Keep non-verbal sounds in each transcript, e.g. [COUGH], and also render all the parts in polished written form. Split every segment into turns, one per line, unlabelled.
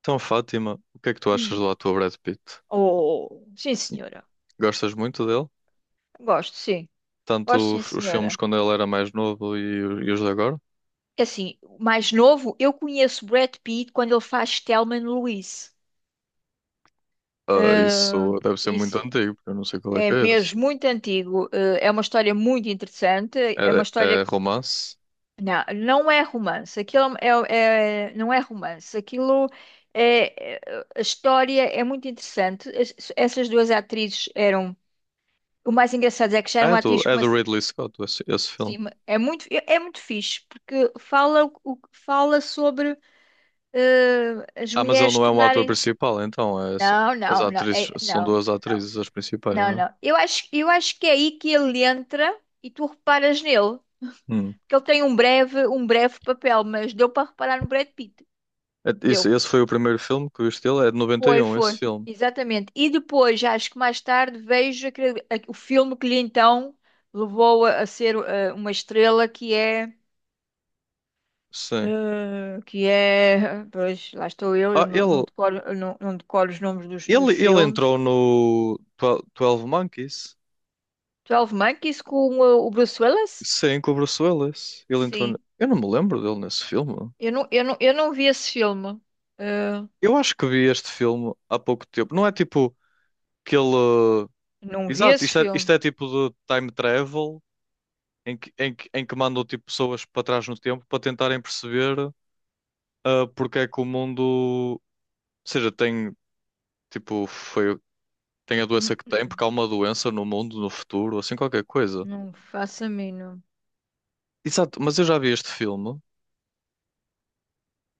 Então, Fátima, o que é que tu achas
Hum.
do ator Brad Pitt?
Oh, sim, senhora.
Gostas muito dele?
Gosto, sim. Gosto,
Tanto
sim,
os filmes
senhora.
quando ele era mais novo e os de agora?
Assim, o mais novo, eu conheço Brad Pitt quando ele faz Thelma e Louise.
Ah,
Ah,
isso deve ser muito
isso
antigo, porque eu não sei qual é
é
que é esse.
mesmo muito antigo. Ah, é uma história muito interessante.
É, é romance?
Não, não é romance. Aquilo não é romance. É. é- A história é muito interessante. Essas duas atrizes eram. O mais engraçado é que já
Ah,
eram
É do,
atrizes.
é do Ridley Scott, esse filme.
É muito, é muito fixe, porque fala, fala sobre as
Ah, mas ele
mulheres
não é um ator
tornarem.
principal, então.
Não,
As
não, não,
atrizes,
é-
são
não,
duas
não,
atrizes as principais,
não,
não
não. Eu acho que é aí que ele entra e tu reparas nele,
é? Hum.
porque ele tem um breve papel, mas deu para reparar no Brad Pitt.
Isso,
Deu.
esse foi o primeiro filme que eu vi dele, é de noventa e
Foi,
um esse
foi.
filme.
Exatamente. E depois, já acho que mais tarde, vejo o filme que lhe então levou a ser uma estrela,
Sim.
que é. Pois, lá estou eu,
Ah,
não
ele,
decoro, eu não, não decoro os nomes dos
ele, ele
filmes.
entrou no Twelve Monkeys.
12 Monkeys com o Bruce Willis?
Sim, com o Bruce Willis. Ele entrou.
Sim.
Eu não me lembro dele nesse filme.
Eu não vi esse filme. Eh,
Eu acho que vi este filme há pouco tempo. Não é tipo que ele.
não vi
Exato,
esse
isto é, isto
filme.
é tipo de time travel em que mandam tipo, pessoas para trás no tempo para tentarem perceber porque é que o mundo. Ou seja, tem tipo, foi, tem a
Hum,
doença que tem, porque
hum.
há uma doença no mundo, no futuro, assim qualquer coisa.
Não faço a mínima.
Exato, mas eu já vi este filme.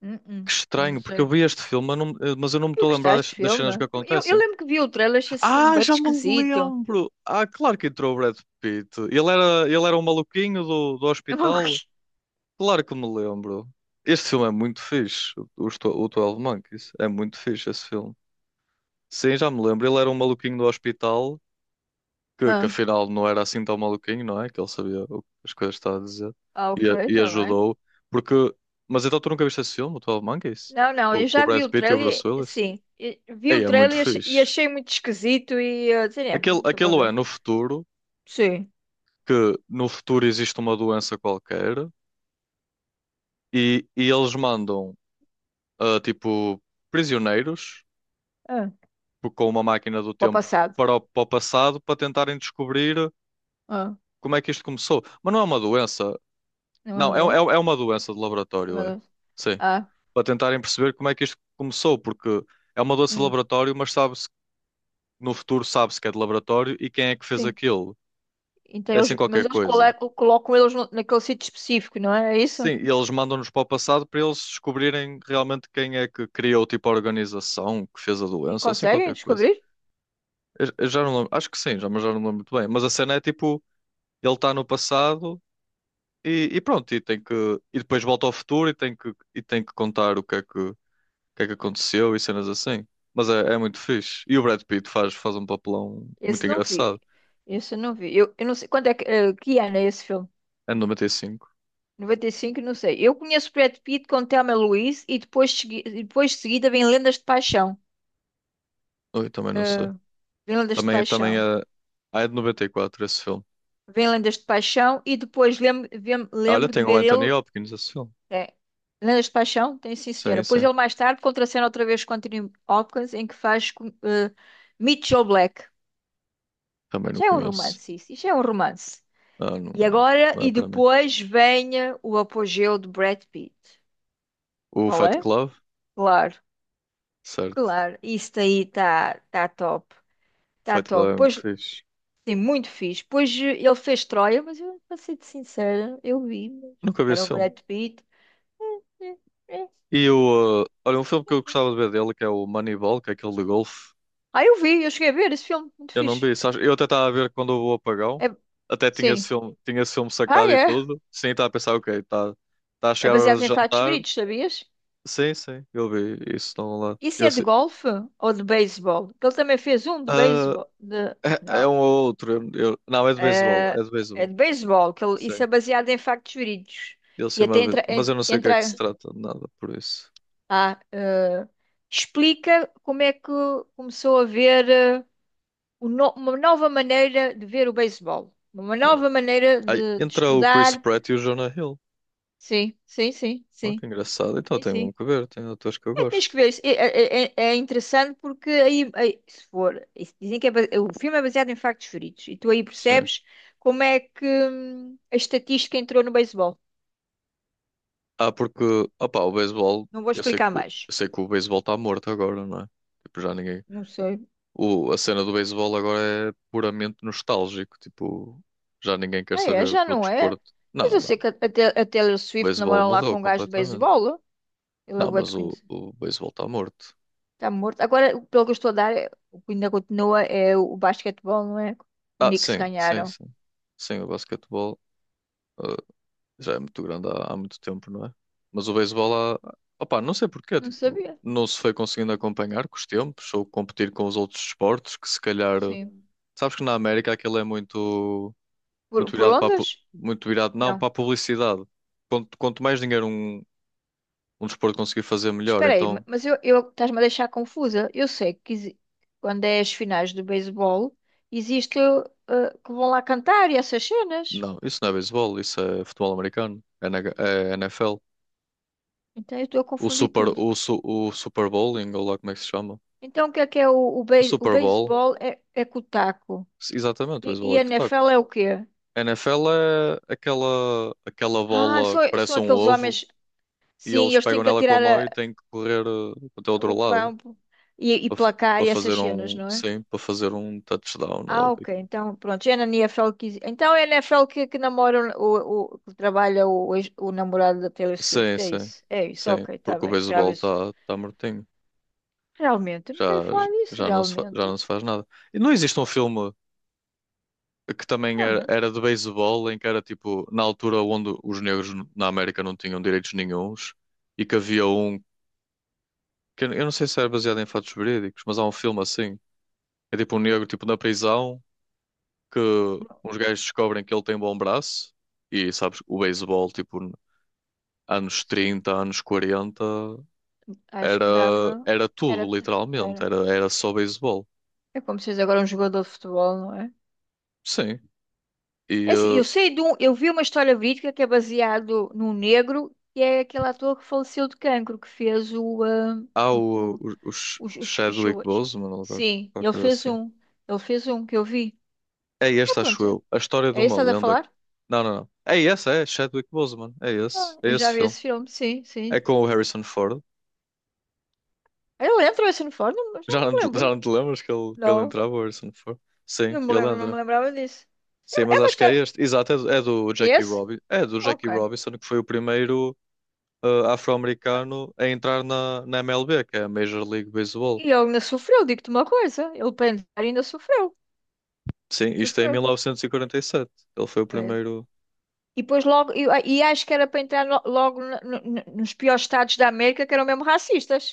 Que
Não
estranho, porque eu
sei.
vi este filme, mas eu não me
E
estou a lembrar
gostaste
das,
do
das
filme?
cenas que
Eu
acontecem.
lembro que vi o trailer, achei esse filme
Ah,
bem
já me
esquisito.
lembro! Ah, claro que entrou o Brad Pitt. Ele era um maluquinho do
Eu- [LAUGHS]
hospital. Claro que me lembro. Este filme é muito fixe. O 12 Monkeys. É muito fixe esse filme. Sim, já me lembro. Ele era um maluquinho do hospital, que
Ah,
afinal não era assim tão maluquinho, não é? Que ele sabia as coisas que estava a dizer.
ah,
E,
ok,
a- e
está bem.
ajudou. Porque. Mas então tu nunca viste esse filme, o 12 Monkeys?
Não, não,
Com,
eu
com o
já vi
Brad
o
Pitt e o Bruce
trailer,
Willis?
sim, vi
Ei,
o
é muito
trailer e e
fixe.
achei muito esquisito e sei lá,
Aquele,
não estou para
aquele é
ver.
no futuro.
Sim,
Que no futuro existe uma doença qualquer e eles mandam tipo prisioneiros
ah,
com uma máquina do
para o
tempo
passado.
para o, passado para tentarem descobrir
Ah,
como é que isto começou. Mas não é uma doença.
não é
Não, é,
meu Deus,
é, é uma doença de
é meu
laboratório, é.
Deus.
Sim.
Ah,
Para tentarem perceber como é que isto começou, porque é uma doença de
hum,
laboratório, mas sabe-se, no futuro sabe-se que é de laboratório e quem é que fez
sim.
aquilo.
Então
É assim
eles, mas
qualquer
eles
coisa.
colocam, colocam eles naquele sítio específico, não é? É isso?
Sim, e eles mandam-nos para o passado para eles descobrirem realmente quem é que criou tipo a organização que fez a
E
doença, assim
conseguem
qualquer coisa.
descobrir?
Eu já não lembro, acho que sim, já, mas já não lembro muito bem. Mas a cena é tipo, ele está no passado e pronto, e tem que e depois volta ao futuro e tem que contar o que é que aconteceu e cenas assim. Mas é muito fixe. E o Brad Pitt faz um papelão muito
Esse não vi.
engraçado.
Esse eu não vi. Eu não sei quando é que, que ano é esse filme?
É de 95.
95, não sei. Eu conheço Brad Pitt com Thelma Louise e depois, e depois de seguida vem Lendas de Paixão.
Oi, também não sei.
Vem Lendas de
Também é,
Paixão.
ah, é de 94 esse filme.
Vem Lendas de Paixão e depois lembro,
Olha,
lembro de
tem o
ver
Anthony
ele.
Hopkins esse filme.
É, Lendas de Paixão? Tem sim,
Sim,
senhora. Pois
sim.
ele mais tarde contracena outra vez com Anthony Hopkins, em que faz com, Mitchell Black.
Também não
Já é um
conheço.
romance, isso. Isso é um romance.
Ah, não,
E agora,
não é
e
para mim.
depois vem o apogeu de Brad Pitt.
O
Qual
Fight
é?
Club,
Claro,
certo.
claro. Isso daí está tá tá top. Está
Fight Club
top.
é muito
Pois,
fixe.
sim, muito fixe. Pois ele fez Troia, mas eu, para ser sincera, eu vi, mas
Nunca vi
que era
esse
o
filme.
Brad Pitt. É, é, ok.
Olha, um filme que eu gostava de ver dele, que é o Moneyball, que é aquele de golfe.
Ah, eu vi, eu cheguei a ver esse filme, muito
Eu não
fixe.
vi, sabes? Eu até estava a ver quando houve o apagão.
É...
Até tinha esse
Sim.
filme, tinha esse filme
Ah,
sacado e
é?
tudo. Sim, estava a pensar, ok, está tá a
É
chegar a hora de
baseado em fatos
jantar.
verídicos, sabias?
Sim, sim, eu vi isso estão lá.
Isso
Eu,
é de
sei-
golfe ou de beisebol? Que ele também fez um de
ah,
beisebol. De...
é
Não.
um ou outro. Não, é de beisebol,
É,
é de
é
beisebol.
de beisebol, que ele... isso é baseado em factos verídicos.
Ele
E até
chama de.
entra.
Mas eu não sei o que é que se
Entra...
trata de nada por isso.
Ah, eh, explica como é que começou a ver o no- uma nova maneira de ver o beisebol, uma
Hum.
nova maneira
Ai,
de
entra o
estudar.
Chris Pratt e o Jonah Hill.
Sim, sim, sim,
Oh,
sim,
que engraçado. Então
sim,
tenho mesmo
sim.
que ver. Tem atores que eu
É,
gosto.
tens que ver, isso. É é interessante porque aí, se for, isso dizem que é, o filme é baseado em factos verídicos e tu aí
Sim.
percebes como é que a estatística entrou no beisebol.
Ah, porque. Opá, o beisebol.
Não vou
Eu sei que,
explicar
o-
mais.
eu sei que o beisebol está morto agora, não é? Tipo, já ninguém.
Não sei.
A cena do beisebol agora é puramente nostálgico. Tipo, já ninguém quer
Ah, é,
saber
já
do
não é?
desporto.
Mas
Não,
eu
não.
sei que a a Taylor
O
Swift
beisebol
namora lá
morreu
com um gajo de
completamente.
beisebol. Ele é
Não,
bué de
mas o,
conhecido.
o beisebol está morto.
Está morto. Agora, pelo que eu estou a dar, o que ainda continua é o basquetebol, não é? O
Ah,
Knicks
sim, sim,
ganharam.
sim. Sim, o basquetebol. ah, Já é muito grande há muito tempo, não é? Mas o beisebol há. Opá, não sei porquê,
Não
tipo,
sabia.
não se foi conseguindo acompanhar com os tempos ou competir com os outros esportes que se calhar.
Sim.
Sabes que na América aquilo é muito, muito
Por
virado para a
ondas?
muito virado, não,
Não.
para a publicidade. Quanto mais dinheiro um desporto conseguir fazer, melhor.
Espera aí,
Então,
eu estás-me a deixar confusa. Eu sei que exi- Quando é as finais do beisebol, existe que vão lá cantar e essas cenas.
não, isso não é beisebol, isso é futebol americano, é, NH é NFL.
Então eu estou a confundir tudo.
O Super Bowling, ou lá como é que se chama?
Então o que é
O
o
Super Bowl,
beisebol é, é com o taco.
exatamente, o beisebol
E
é
a
que está.
NFL é o quê?
NFL é aquela
Ah,
bola
são,
que
são
parece um
aqueles
ovo
homens,
e
sim,
eles
eles
pegam
têm que
nela com a mão e têm que correr até o outro
o
lado
campo e
para
placar
para
e essas
fazer
cenas,
um,
não é?
sim, para fazer um touchdown
Ah,
logo.
ok. Então, pronto, é na NFL que... Então é a NFL que namora que trabalha o namorado da Taylor
Sim,
Swift, é
sim,
isso? É isso,
sim,
ok, está
porque o
bem. O
beisebol
Travis,
está tá tá mortinho.
realmente, eu
Já,
nunca ia falar disso,
já não se, fa- já
realmente.
não se faz nada. E não existe um filme que também era,
Realmente.
era de beisebol em que era tipo, na altura onde os negros na América não tinham direitos nenhuns e que que eu não sei se era baseado em fatos verídicos, mas há um filme assim. É tipo um negro tipo na prisão que
Bom,
uns gajos descobrem que ele tem bom braço e sabes, o beisebol tipo anos
sim,
trinta anos 40
acho
era
que dava...
era
Era,
tudo literalmente,
era.
era só beisebol.
É como se fosse agora um jogador de futebol, não é?
Sim. E
É assim, eu sei de um... Eu vi uma história verídica que é baseado num negro, que é aquele ator que faleceu de cancro, que fez o... ah,
há
o
os
Os,
Chadwick
chuas.
Boseman ou
Sim,
qualquer
ele
coisa
fez
assim.
um. Ele fez um que eu vi.
É
É
este, acho
pronto, é.
eu. A história de
É isso
uma
que estás a
lenda.
falar?
Não, não, não. É esse, é Chadwick Boseman. É
Ah,
esse, é
eu
esse
já vi
filme.
esse filme, sim,
É
sim.
com o Harrison Ford.
Eu lembro esse uniforme, mas já
Já
não
não,
me
te- já
lembro.
não te lembras que ele,
Não,
entrava, o Harrison Ford?
não
Sim,
me
ele
lembro, não me
entra.
lembrava disso.
Sim,
É
mas
uma
acho que é
história.
este. Exato, é do
É
Jackie
esse?
Robinson. É do Jackie
Ok.
Robinson, que foi o primeiro afro-americano a entrar na MLB, que é a Major League
E
Baseball.
ele ainda sofreu, digo-te uma coisa. Ele para entrar ainda sofreu.
Sim, isto é em
Sofreu.
1947. Ele foi o
É.
primeiro.
E depois logo. E acho que era para entrar logo nos piores estados da América, que eram mesmo racistas.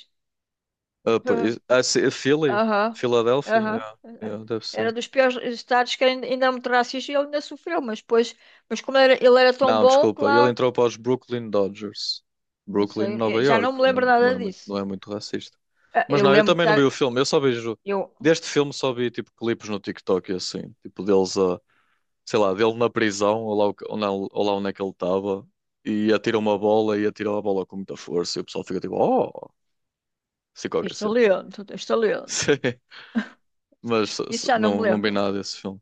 Pô,
[LAUGHS]
sim, Philly?
Aham,
Filadélfia?
aham.
Yeah, yeah, deve
Era
ser.
dos piores estados que ainda, ainda era muito racista e ele ainda sofreu, mas depois, ele era tão
Não,
bom que
desculpa. Ele
lá,
entrou para os Brooklyn Dodgers.
não
Brooklyn,
sei,
Nova
eu já não
York.
me lembro
Não, não
nada
é muito, não
disso.
é muito racista.
Ah,
Mas
eu
não, eu
lembro de
também não vi o
estar,
filme. Eu só vejo.
eu,
Deste filme só vi tipo clipes no TikTok e assim. Tipo deles a sei lá, dele na prisão, ou lá, o que- ou na- ou lá onde é que ele estava, e atira uma bola e atira a bola com muita força, e o pessoal fica tipo, oh, sei qualquer
estou
cena.
lendo, estou
[LAUGHS]
lendo.
Sim, mas
Isso já não me
não, não vi
lembro.
nada desse filme.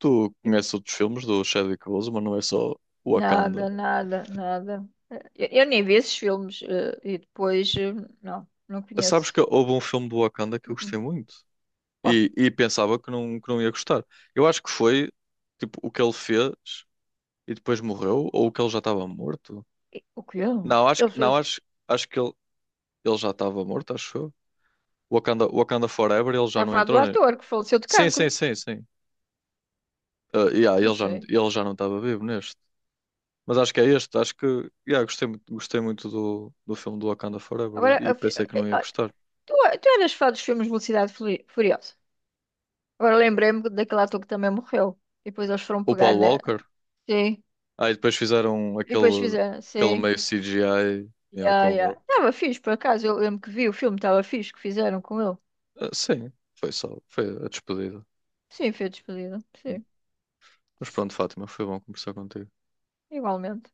Tu
E
conheces outros filmes do Chadwick Boseman, não é só Wakanda.
nada, nada, nada. Eu nem vi esses filmes e depois, não, não
Sabes
conheço.
que houve um filme do Wakanda que eu
Uh-uh.
gostei muito
Bom,
e pensava que não, ia gostar. Eu acho que foi tipo o que ele fez e depois morreu, ou o que ele já estava morto.
e- o que eu?
Não, acho
Ele
que não,
fez,
acho que ele já estava morto, acho eu. Wakanda, Wakanda Forever, ele
está
já
a
não
falar do
entrou, né?
ator que faleceu de
Sim,
cancro,
sim, sim, sim. Ah, yeah,
não
ele já, não-
sei.
ele já não estava vivo neste. Mas acho que é este, acho que yeah, gostei muito do filme do Wakanda Forever
Agora,
e
a fi-
pensei que não ia gostar.
Tu, tu eras fã dos filmes de Velocidade Furiosa. Agora lembrei-me daquele ator que também morreu. E depois eles foram
O
pegar
Paul
na.
Walker,
Sim.
aí depois fizeram
E depois
aquele,
fizeram.
aquele
Sim.
meio CGI, yeah,
Yeah,
com ele.
yeah. Estava fixe, por acaso. Eu lembro que vi o filme, estava fixe que fizeram com ele.
Ah, sim, foi só, foi a despedida.
Sim, foi despedida. Sim,
Mas pronto, Fátima, foi bom conversar contigo.
igualmente.